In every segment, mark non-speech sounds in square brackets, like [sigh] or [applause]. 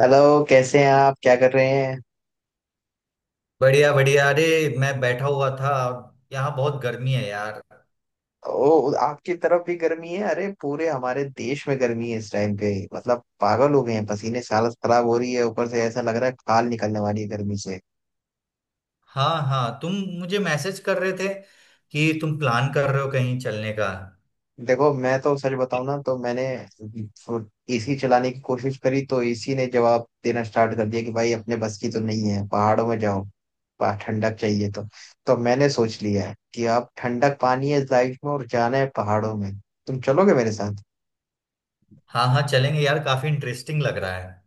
Hello. कैसे हैं आप? क्या कर रहे हैं? बढ़िया बढ़िया, अरे मैं बैठा हुआ था। यहाँ बहुत गर्मी है यार। ओ, आपकी तरफ भी गर्मी है? अरे पूरे हमारे देश में गर्मी है इस टाइम पे, मतलब पागल हो गए हैं। पसीने से हालत खराब हो रही है, ऊपर से ऐसा लग रहा है खाल निकलने वाली है गर्मी से। हाँ हाँ, तुम मुझे मैसेज कर रहे थे कि तुम प्लान कर रहे हो कहीं चलने का। देखो, मैं तो सच बताऊं ना, तो मैंने एसी चलाने की कोशिश करी तो एसी ने जवाब देना स्टार्ट कर दिया कि भाई अपने बस की तो नहीं है, पहाड़ों में जाओ। ठंडक चाहिए तो मैंने सोच लिया है कि अब ठंडक पानी है इस लाइफ में और जाना है पहाड़ों में। तुम चलोगे मेरे साथ? हाँ हाँ, चलेंगे यार, काफी इंटरेस्टिंग लग रहा है।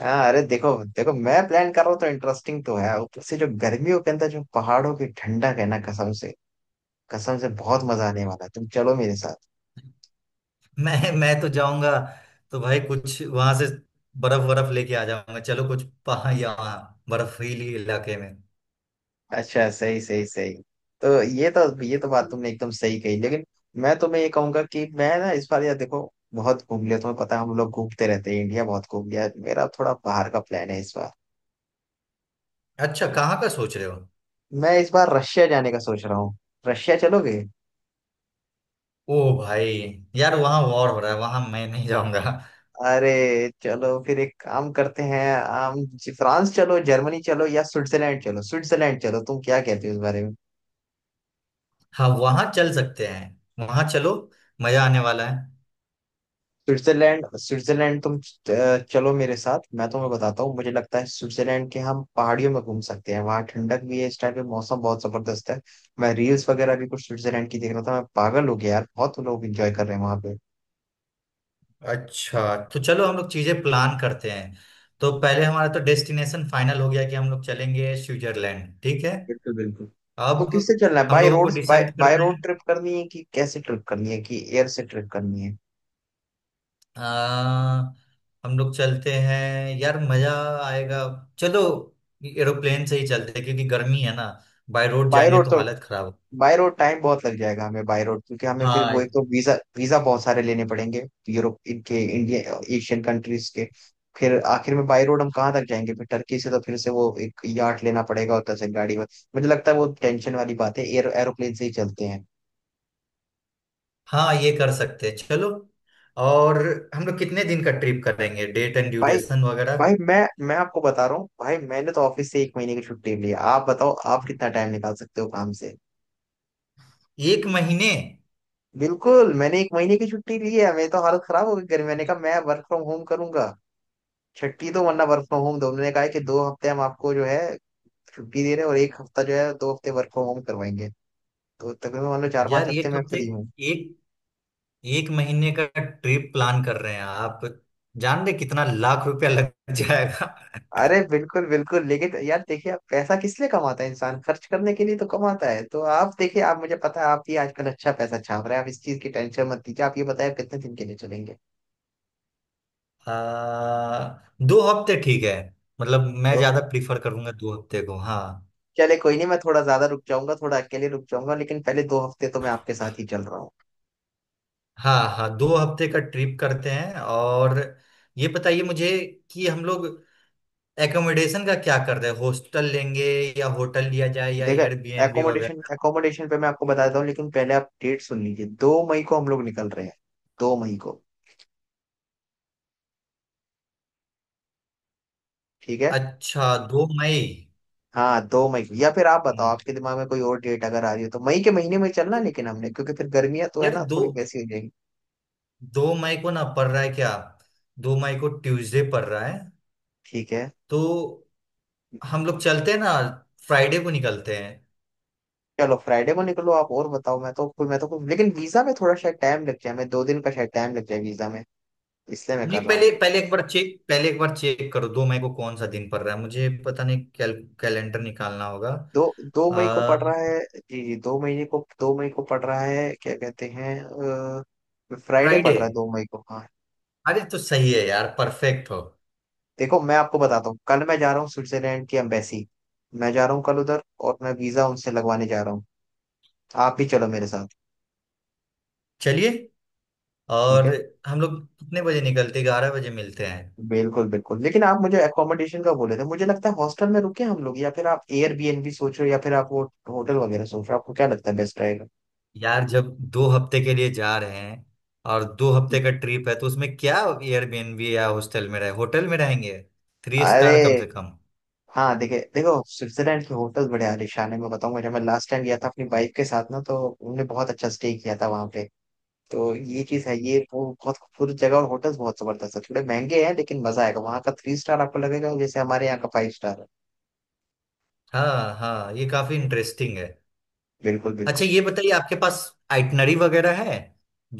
हाँ, अरे देखो देखो, मैं प्लान कर रहा हूँ तो इंटरेस्टिंग तो है। ऊपर से जो गर्मियों के अंदर जो पहाड़ों की ठंडक है ना, कसम से, कसम से बहुत मजा आने वाला है। तुम चलो मेरे साथ। [laughs] मैं तो जाऊंगा। तो भाई कुछ वहां से बर्फ बर्फ लेके आ जाऊंगा, चलो कुछ पहाड़ या वहाँ बर्फीली इलाके में। अच्छा, सही सही सही। तो ये तो बात तुमने एकदम सही कही, लेकिन मैं तुम्हें ये कहूंगा कि मैं ना इस बार, यार देखो, बहुत घूम लिया, तुम्हें पता है हम लोग घूमते रहते हैं, इंडिया बहुत घूम लिया। मेरा थोड़ा बाहर का प्लान है इस बार। अच्छा, कहाँ का सोच रहे हो? मैं इस बार रशिया जाने का सोच रहा हूँ। रशिया चलोगे? ओ भाई यार, वहाँ वॉर हो रहा है, वहां मैं नहीं जाऊंगा। अरे चलो फिर एक काम करते हैं। फ्रांस चलो, जर्मनी चलो या स्विट्जरलैंड चलो, स्विट्जरलैंड चलो, तुम क्या कहते हो इस बारे में? हाँ, वहां चल सकते हैं, वहां चलो, मजा आने वाला है। स्विट्जरलैंड, स्विट्जरलैंड, तुम चलो मेरे साथ, मैं तुम्हें बताता हूँ। मुझे लगता है स्विट्जरलैंड के हम पहाड़ियों में घूम सकते हैं। वहाँ ठंडक भी है इस टाइम पे, मौसम बहुत जबरदस्त है। मैं रील्स वगैरह भी कुछ स्विट्जरलैंड की देख रहा था, मैं पागल हो गया यार, बहुत लोग एंजॉय कर रहे हैं वहाँ पे। अच्छा तो चलो हम लोग चीजें प्लान करते हैं। तो पहले हमारा तो डेस्टिनेशन फाइनल हो गया कि हम लोग चलेंगे स्विट्जरलैंड, ठीक है। बिल्कुल बिल्कुल। तो अब किससे चलना है, हम बाय लोगों को रोड, बाय डिसाइड बाय करना रोड है। ट्रिप करनी है कि कैसे ट्रिप करनी है, कि एयर से ट्रिप करनी है? आ, हम लोग चलते हैं यार, मजा आएगा। चलो, एरोप्लेन से ही चलते हैं क्योंकि गर्मी है ना, बाय रोड बाय जाएंगे रोड तो तो, हालत खराब हो। बाय रोड टाइम बहुत लग जाएगा हमें, बाय रोड क्योंकि हमें फिर हाँ वो, एक तो वीजा वीजा बहुत सारे लेने पड़ेंगे, यूरोप इनके, इंडिया एशियन कंट्रीज के। फिर आखिर में बाय रोड हम कहाँ तक जाएंगे, फिर टर्की से तो फिर से वो एक यार्ड लेना पड़ेगा और से गाड़ी में। मुझे लगता है वो टेंशन वाली बात है, एयर, एरोप्लेन से ही चलते हैं। हाँ, ये कर सकते हैं, चलो। और हम लोग कितने दिन का ट्रिप करेंगे? डेट एंड भाई, ड्यूरेशन वगैरह। भाई मैं आपको बता रहा हूँ भाई, मैंने तो ऑफिस से एक महीने की छुट्टी ली है, आप बताओ आप कितना टाइम निकाल सकते हो काम से। एक महीने? बिल्कुल, मैंने एक महीने की छुट्टी ली है, मेरी तो हालत खराब हो गई गर्मी मैंने कहा मैं वर्क फ्रॉम होम करूंगा छठी तो, वरना वर्क फ्रॉम होम। उन्होंने कहा है कि 2 हफ्ते हम आपको जो है छुट्टी दे रहे हैं और एक हफ्ता जो है, 2 हफ्ते वर्क फ्रॉम होम करवाएंगे। तो तकरीबन मान लो चार पांच यार, हफ्ते एक मैं हफ्ते फ्री हूँ। एक एक महीने का ट्रिप प्लान कर रहे हैं आप? जान रहे कितना लाख रुपया लग जाएगा? अरे बिल्कुल बिल्कुल, लेकिन यार देखिए, आप पैसा किस लिए कमाता है इंसान, खर्च करने के लिए तो कमाता है। तो आप देखिए, आप, मुझे पता है आप भी आजकल अच्छा पैसा छाप रहे हैं, आप इस चीज की टेंशन मत लीजिए। आप ये बताए आप कितने दिन के लिए चलेंगे? [laughs] आ, 2 हफ्ते ठीक है। मतलब मैं तो ज्यादा प्रीफर करूंगा 2 हफ्ते को, हाँ। चले, कोई नहीं, मैं थोड़ा ज्यादा रुक जाऊंगा, थोड़ा अकेले रुक जाऊंगा, लेकिन पहले 2 हफ्ते तो मैं आपके साथ ही चल रहा हूँ। हाँ हाँ, 2 हफ्ते का ट्रिप करते हैं, और ये बताइए मुझे कि हम लोग एकोमोडेशन का क्या कर रहे हैं? हॉस्टल लेंगे या होटल लिया जाए या देखा है। एयरबीएनबी एकोमोडेशन वगैरह? एकोमोडेशन पे मैं आपको बताता हूँ, लेकिन पहले आप डेट सुन लीजिए। 2 मई को हम लोग निकल रहे हैं, 2 मई को, ठीक है? अच्छा, 2 मई। हाँ, 2 मई को, या फिर आप बताओ हम्म, आपके दिमाग में कोई और डेट अगर आ रही हो तो, मई के महीने में चलना तो लेकिन, हमने क्योंकि फिर गर्मियां तो है यार ना दो थोड़ी वैसी हो जाएगी। 2 मई को ना पड़ रहा है क्या? 2 मई को ट्यूसडे पड़ रहा है? ठीक है, तो हम लोग चलते हैं ना, फ्राइडे को निकलते हैं। चलो फ्राइडे को निकलो। आप और बताओ, मैं तो, मैं तो लेकिन वीजा में थोड़ा शायद टाइम लग जाए, मैं 2 दिन का शायद टाइम लग जाए वीजा में, इसलिए मैं नहीं, कर रहा हूँ। पहले पहले एक बार चेक पहले एक बार चेक करो 2 मई को कौन सा दिन पड़ रहा है, मुझे पता नहीं। कैलेंडर निकालना होगा। दो दो मई को आ, पड़ रहा है? जी जी, दो महीने को, दो मई को पड़ रहा है क्या कहते हैं? फ्राइडे फ्राइडे, पड़ रहा है 2 मई को, हाँ। अरे तो सही है यार, परफेक्ट हो। देखो मैं आपको बताता हूँ, कल मैं जा रहा हूँ स्विट्जरलैंड की एम्बेसी, मैं जा रहा हूँ कल उधर, और मैं वीजा उनसे लगवाने जा रहा हूँ। आप भी चलो मेरे साथ। चलिए, ठीक और है। हम लोग कितने बजे निकलते? 11 बजे मिलते हैं। बिल्कुल बिल्कुल, लेकिन आप मुझे अकोमोडेशन का बोले थे। मुझे लगता है हॉस्टल में रुके हम लोग, या फिर आप एयरबीएनबी सोच रहे हो, या फिर आप वो होटल वगैरह सोच रहे हो? आपको क्या लगता है बेस्ट रहेगा? यार जब दो हफ्ते के लिए जा रहे हैं और 2 हफ्ते का ट्रिप है तो उसमें क्या एयरबीएनबी या हॉस्टल में रहे? होटल में रहेंगे, थ्री अरे स्टार कम से कम। हाँ, देखिए, देखो स्विट्जरलैंड के होटल बड़े आलीशान है। मैं बताऊंगा, जब मैं लास्ट टाइम गया था अपनी बाइक के साथ ना, तो हमने बहुत अच्छा स्टे किया था वहां पे। तो ये चीज है, ये वो बहुत खूबसूरत जगह, और होटल्स बहुत जबरदस्त है, थोड़े महंगे हैं लेकिन मजा आएगा वहाँ का। थ्री स्टार आपको लगेगा जैसे हमारे यहाँ का फाइव स्टार है। हाँ हाँ, ये काफी इंटरेस्टिंग है। बिल्कुल अच्छा, बिल्कुल। ये बताइए आपके पास आइटनरी वगैरह है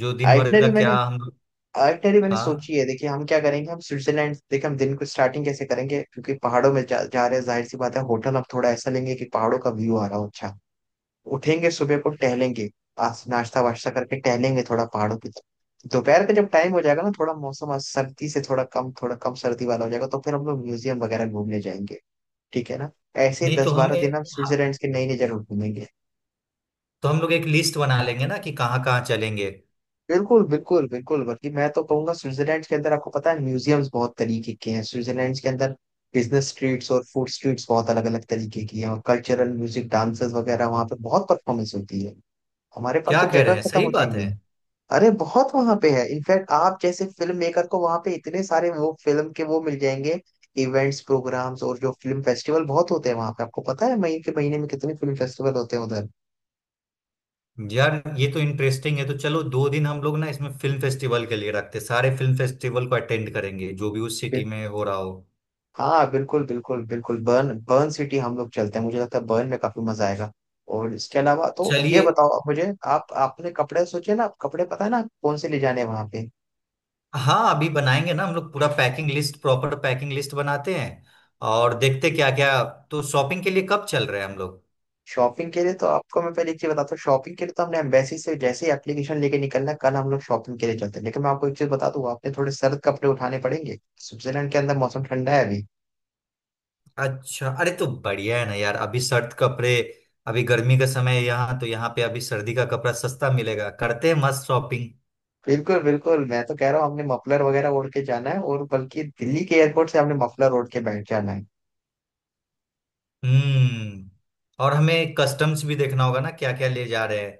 जो दिन भर का, आइटनरी मैंने क्या हम लोग? आइटनरी मैंने हाँ, सोची है, देखिए हम क्या करेंगे, हम स्विट्जरलैंड, देखिए हम दिन को स्टार्टिंग कैसे करेंगे, क्योंकि पहाड़ों में जा रहे हैं, जाहिर सी बात है होटल हम थोड़ा ऐसा लेंगे कि पहाड़ों का व्यू आ रहा हो, अच्छा। उठेंगे सुबह को, टहलेंगे, आज नाश्ता वाश्ता करके टहलेंगे थोड़ा पहाड़ों की तरफ। दोपहर का जब टाइम हो जाएगा ना, थोड़ा मौसम आज सर्दी से थोड़ा कम, थोड़ा कम सर्दी वाला हो जाएगा, तो फिर हम लोग म्यूजियम वगैरह घूमने जाएंगे। ठीक है ना? ऐसे ही नहीं दस तो बारह दिन हम हाँ, स्विट्जरलैंड के नई नई जगह घूमेंगे। तो हम लोग एक लिस्ट बना लेंगे ना कि कहाँ कहाँ चलेंगे। बिल्कुल बिल्कुल बिल्कुल, बल्कि मैं तो कहूंगा स्विट्जरलैंड के अंदर, आपको पता है म्यूजियम्स बहुत तरीके के हैं स्विट्जरलैंड के अंदर। बिजनेस स्ट्रीट्स और फूड स्ट्रीट्स बहुत अलग अलग तरीके की हैं, और कल्चरल म्यूजिक, डांसेस वगैरह वहाँ पे बहुत परफॉर्मेंस होती है, हमारे पास क्या तो कह रहे जगह हैं, खत्म सही हो बात है। जाएंगी। अरे बहुत वहां पे है, इनफैक्ट आप जैसे फिल्म मेकर को वहां पे इतने सारे वो फिल्म के वो मिल जाएंगे, इवेंट्स, प्रोग्राम्स, और जो फिल्म फेस्टिवल बहुत होते हैं वहां पे, आपको पता है मई के महीने में कितने फिल्म फेस्टिवल होते हैं उधर यार ये तो इंटरेस्टिंग है, तो चलो 2 दिन हम लोग ना इसमें फिल्म फेस्टिवल के लिए रखते हैं। सारे फिल्म फेस्टिवल को अटेंड करेंगे जो भी उस पे। सिटी में हो रहा हो। हाँ बिल्कुल बिल्कुल बिल्कुल। बर्न बर्न सिटी हम लोग चलते हैं, मुझे लगता है बर्न में काफी मजा आएगा। और इसके अलावा तो ये चलिए, बताओ आप मुझे, आप आपने कपड़े सोचे ना, आप कपड़े पता है ना, आप कौन से ले जाने हैं वहां पे? हाँ अभी बनाएंगे ना हम लोग पूरा packing list, proper packing list बनाते हैं और देखते क्या क्या। तो शॉपिंग के लिए कब चल रहे हैं हम लोग? शॉपिंग के लिए तो आपको मैं पहले एक चीज बताता हूँ, शॉपिंग के लिए तो हमने एम्बेसी से जैसे ही एप्लीकेशन लेके निकलना, कल हम लोग शॉपिंग के लिए चलते हैं, लेकिन मैं आपको एक चीज बता दूँ, आपने थोड़े सर्द कपड़े उठाने पड़ेंगे। स्विट्जरलैंड के अंदर मौसम ठंडा है अभी। अच्छा, अरे तो बढ़िया है ना यार, अभी सर्द कपड़े। अभी गर्मी का समय है यहाँ, तो यहाँ पे अभी सर्दी का कपड़ा सस्ता मिलेगा, करते हैं मस्त शॉपिंग। बिल्कुल बिल्कुल, मैं तो कह रहा हूँ हमने मफलर वगैरह ओढ़ के जाना है, और बल्कि दिल्ली के एयरपोर्ट से हमने मफलर ओढ़ के बैठ जाना है। हम्म। और हमें कस्टम्स भी देखना होगा ना, क्या क्या ले जा रहे हैं?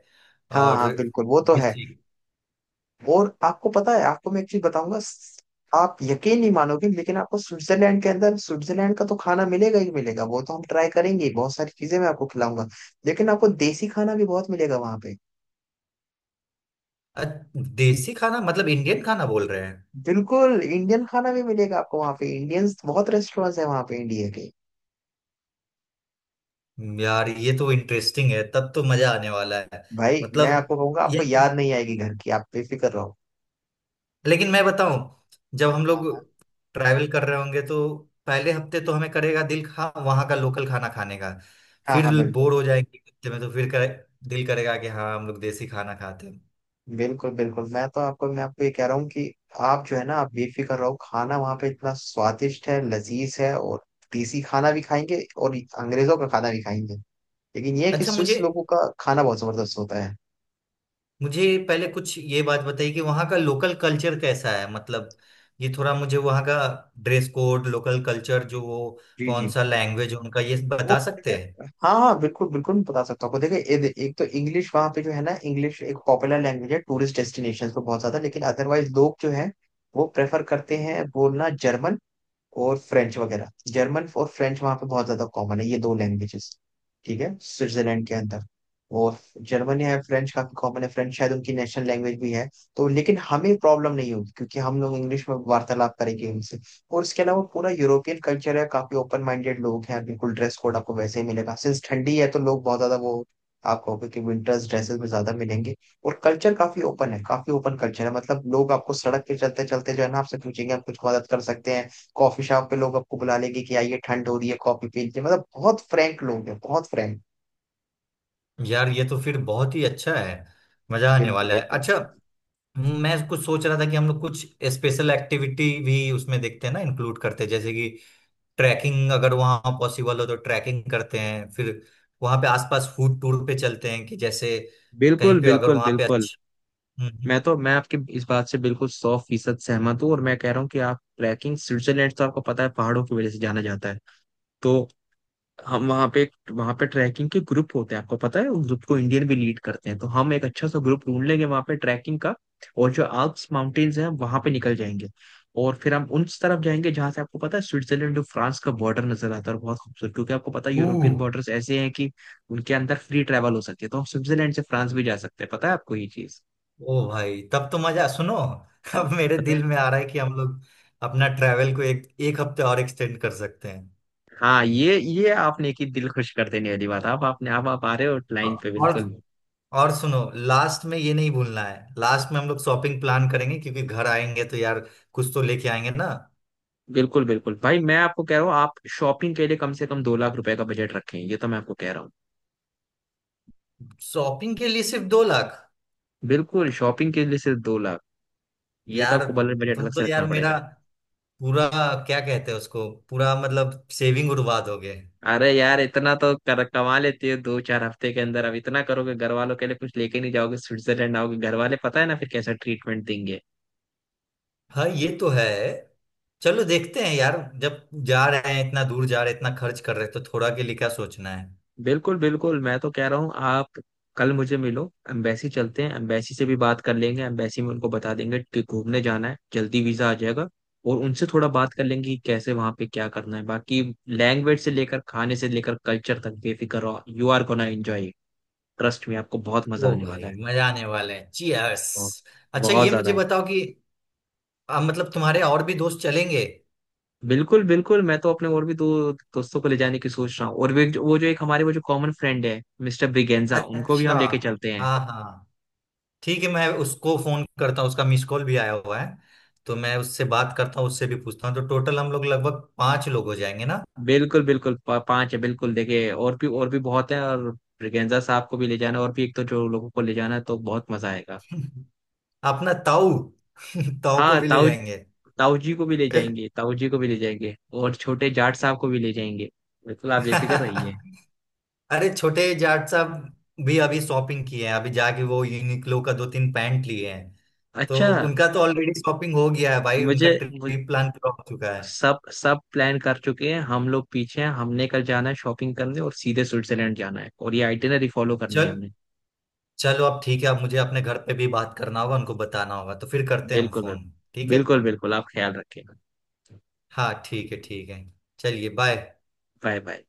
हाँ और हाँ बिल्कुल, वो तो है। देसी। और आपको पता है, आपको मैं एक चीज बताऊंगा। आप यकीन नहीं मानोगे, लेकिन आपको स्विट्जरलैंड के अंदर स्विट्जरलैंड का तो खाना मिलेगा ही मिलेगा, वो तो हम ट्राई करेंगे ही, बहुत सारी चीजें मैं आपको खिलाऊंगा, लेकिन आपको देसी खाना भी बहुत मिलेगा वहां पे। अ- देसी खाना मतलब इंडियन खाना बोल रहे हैं? बिल्कुल, इंडियन खाना भी मिलेगा आपको वहां पे, इंडियंस बहुत रेस्टोरेंट्स है वहां पे इंडिया के। यार ये तो इंटरेस्टिंग है, तब तो मजा आने वाला है। भाई मैं मतलब आपको कहूंगा, ये, आपको याद नहीं आएगी घर की, आप बेफिक्र रहो। लेकिन मैं बताऊं, जब हम लोग हाँ। ट्रैवल कर रहे होंगे तो पहले हफ्ते तो हमें करेगा दिल, खा वहां का लोकल खाना खाने का। हाँ फिर हाँ, बिल्कुल। बोर हो जाएंगे हफ्ते में, तो फिर दिल करेगा कि हाँ, हम लोग देसी खाना खाते हैं। बिल्कुल बिल्कुल, मैं तो आपको, मैं आपको ये कह रहा हूँ कि आप जो है ना, आप बेफिक्र रहो, खाना वहाँ पे इतना स्वादिष्ट है, लजीज है, और देसी खाना भी खाएंगे और अंग्रेजों का खाना भी खाएंगे, लेकिन ये है कि अच्छा, मुझे स्विस लोगों का खाना बहुत जबरदस्त होता है। मुझे पहले कुछ ये बात बताइए कि वहाँ का लोकल कल्चर कैसा है? मतलब, ये थोड़ा मुझे वहाँ का ड्रेस कोड, लोकल कल्चर, जो वो जी कौन जी। सा लैंग्वेज है उनका, ये वो बता सकते हैं? देखिए- हाँ हाँ बिल्कुल बिल्कुल, मैं बता सकता हूँ आपको, देखिए एक तो इंग्लिश वहाँ पे जो है ना, इंग्लिश एक पॉपुलर लैंग्वेज है टूरिस्ट डेस्टिनेशन पे बहुत ज्यादा, लेकिन अदरवाइज लोग जो है वो प्रेफर करते हैं बोलना जर्मन और फ्रेंच वगैरह। जर्मन और फ्रेंच वहाँ पे बहुत ज्यादा कॉमन है, ये दो लैंग्वेजेस, ठीक है, स्विट्जरलैंड के अंदर। और जर्मन है, फ्रेंच काफी कॉमन है, फ्रेंच शायद उनकी नेशनल लैंग्वेज भी है। तो लेकिन हमें प्रॉब्लम नहीं होगी, क्योंकि हम लोग इंग्लिश में वार्तालाप करेंगे उनसे। और इसके अलावा पूरा यूरोपियन कल्चर है, काफी ओपन माइंडेड लोग हैं, बिल्कुल। ड्रेस कोड आपको वैसे ही मिलेगा, सिंस ठंडी है तो लोग बहुत ज्यादा वो, आप कहोगे कि विंटर्स ड्रेसेस में ज्यादा मिलेंगे। और कल्चर काफी ओपन है, काफी ओपन कल्चर है, मतलब लोग आपको सड़क पे चलते चलते जो है ना, आपसे पूछेंगे हम कुछ मदद कर सकते हैं? कॉफी शॉप पे लोग आपको बुला लेंगे कि आइए, ठंड हो रही है, कॉफी पी लीजिए। मतलब बहुत फ्रैंक लोग हैं, बहुत फ्रैंक। यार ये तो फिर बहुत ही अच्छा है, मजा आने बिल्कुल वाला है। बिल्कुल अच्छा, मैं कुछ सोच रहा था कि हम लोग कुछ स्पेशल एक्टिविटी भी उसमें देखते हैं ना, इंक्लूड करते हैं, जैसे कि ट्रैकिंग, अगर वहाँ पॉसिबल हो तो ट्रैकिंग करते हैं। फिर वहाँ पे आसपास फूड टूर पे चलते हैं, कि जैसे कहीं बिल्कुल पे अगर बिल्कुल वहाँ पे बिल्कुल। अच्छा। हम्म, मैं हम्म। तो, मैं आपकी इस बात से बिल्कुल 100 फीसद सहमत हूँ, और मैं कह रहा हूँ कि आप ट्रैकिंग, स्विट्जरलैंड तो आपको पता है पहाड़ों की वजह से जाना जाता है। तो हम वहाँ पे, वहाँ पे ट्रैकिंग के ग्रुप होते हैं, आपको पता है उस ग्रुप को इंडियन भी लीड करते हैं, तो हम एक अच्छा सा ग्रुप ढूंढ लेंगे वहाँ पे ट्रैकिंग का, और जो आल्प्स माउंटेन्स हैं वहाँ पे निकल जाएंगे। और फिर हम उस तरफ जाएंगे जहाँ से आपको पता है स्विट्जरलैंड और फ्रांस का बॉर्डर नजर आता है, और बहुत खूबसूरत, क्योंकि आपको पता है ओह। यूरोपियन बॉर्डर्स ऐसे हैं कि उनके अंदर फ्री ट्रैवल हो सकती है। तो हम स्विट्जरलैंड से फ्रांस भी जा सकते हैं, पता है आपको ये चीज? ओ भाई, तब तो मजा, सुनो। [laughs] अब मेरे पता दिल है। में आ रहा है कि हम लोग अपना ट्रैवल को एक एक हफ्ते और एक्सटेंड कर सकते हैं। हाँ, ये आपने की दिल खुश कर देने वाली बात। आप आपने आप आ रहे हो औ- लाइन पे, और बिल्कुल। और सुनो, लास्ट में ये नहीं भूलना है, लास्ट में हम लोग शॉपिंग प्लान करेंगे क्योंकि घर आएंगे तो यार कुछ तो लेके आएंगे ना। बिल्कुल बिल्कुल, भाई मैं आपको कह रहा हूँ, आप शॉपिंग के लिए कम से कम 2 लाख रुपए का बजट रखें, ये तो मैं आपको कह रहा हूँ। शॉपिंग के लिए सिर्फ 2 लाख? बिल्कुल, शॉपिंग के लिए सिर्फ 2 लाख, ये तो यार, आपको बल्कि बजट तुम अलग तो से यार रखना मेरा पड़ेगा। पूरा, क्या कहते हैं उसको, पूरा मतलब सेविंग उड़वा दोगे। अरे यार, इतना तो कमा लेते हो 2-4 हफ्ते के अंदर, अब इतना करोगे, घर वालों के लिए कुछ लेके नहीं जाओगे, स्विट्जरलैंड आओगे, घर वाले पता है ना फिर कैसा ट्रीटमेंट देंगे। हाँ, ये तो है, चलो देखते हैं यार। जब जा रहे हैं, इतना दूर जा रहे हैं, इतना खर्च कर रहे हैं, तो थोड़ा के लिए क्या सोचना है। बिल्कुल बिल्कुल, मैं तो कह रहा हूँ, आप कल मुझे मिलो, एम्बेसी चलते हैं, एम्बेसी से भी बात कर लेंगे, एम्बेसी में उनको बता देंगे कि घूमने जाना है, जल्दी वीजा आ जाएगा। और उनसे थोड़ा बात कर लेंगे कि कैसे वहां पे क्या करना है बाकी, लैंग्वेज से लेकर खाने से लेकर कल्चर तक। बेफिक्र रहो, you are gonna enjoy, trust में आपको बहुत मजा ओ आने वाला भाई है, मजा आने वाला है, चीयर्स। और अच्छा, बहुत ये मुझे ज्यादा। बताओ कि मतलब तुम्हारे और भी दोस्त चलेंगे? बिल्कुल बिल्कुल, मैं तो अपने और भी दो दोस्तों को ले जाने की सोच रहा हूँ, और वो जो एक हमारे वो जो कॉमन फ्रेंड है, मिस्टर ब्रिगेंजा, उनको भी अच्छा, हम लेके चलते हैं। हाँ हाँ, ठीक है, मैं उसको फोन करता हूँ, उसका मिस कॉल भी आया हुआ है, तो मैं उससे बात करता हूँ, उससे भी पूछता हूँ, तो टोटल हम लोग लगभग पांच लोग हो जाएंगे ना। बिल्कुल बिल्कुल। 5 है बिल्कुल, देखिए और भी, और भी बहुत है। और ब्रिगेंजा साहब को भी ले जाना, और भी एक तो जो लोगों को ले जाना है, तो बहुत मजा आएगा। [laughs] अपना ताऊ। [laughs] ताऊ को हाँ भी ले ताऊ, जाएंगे। ताऊ जी को भी ले जाएंगे, ताऊ जी को भी ले जाएंगे, और छोटे जाट साहब को भी ले जाएंगे, बिल्कुल आप बेफिक्र रहिए। [laughs] अरे, छोटे जाट साहब भी अभी शॉपिंग किए हैं, अभी जाके वो यूनिक्लो का दो तीन पैंट लिए हैं, तो अच्छा उनका तो ऑलरेडी शॉपिंग हो गया है भाई, उनका मुझे, ट्रिप प्लान पूरा हो चुका है। सब सब प्लान कर चुके हैं, हम लोग पीछे हैं, हमने कल जाना है शॉपिंग करने और सीधे स्विट्जरलैंड जाना है, और ये आइटिनरी फॉलो करनी है चल हमने। चलो अब, ठीक है। अब मुझे अपने घर पे भी बात करना होगा, उनको बताना होगा, तो फिर करते हैं हम बिल्कुल बिल्कुल, फोन। ठीक है। बिल्कुल बिल्कुल, आप ख्याल रखिएगा। हाँ ठीक है, ठीक है, चलिए, बाय। Bye bye.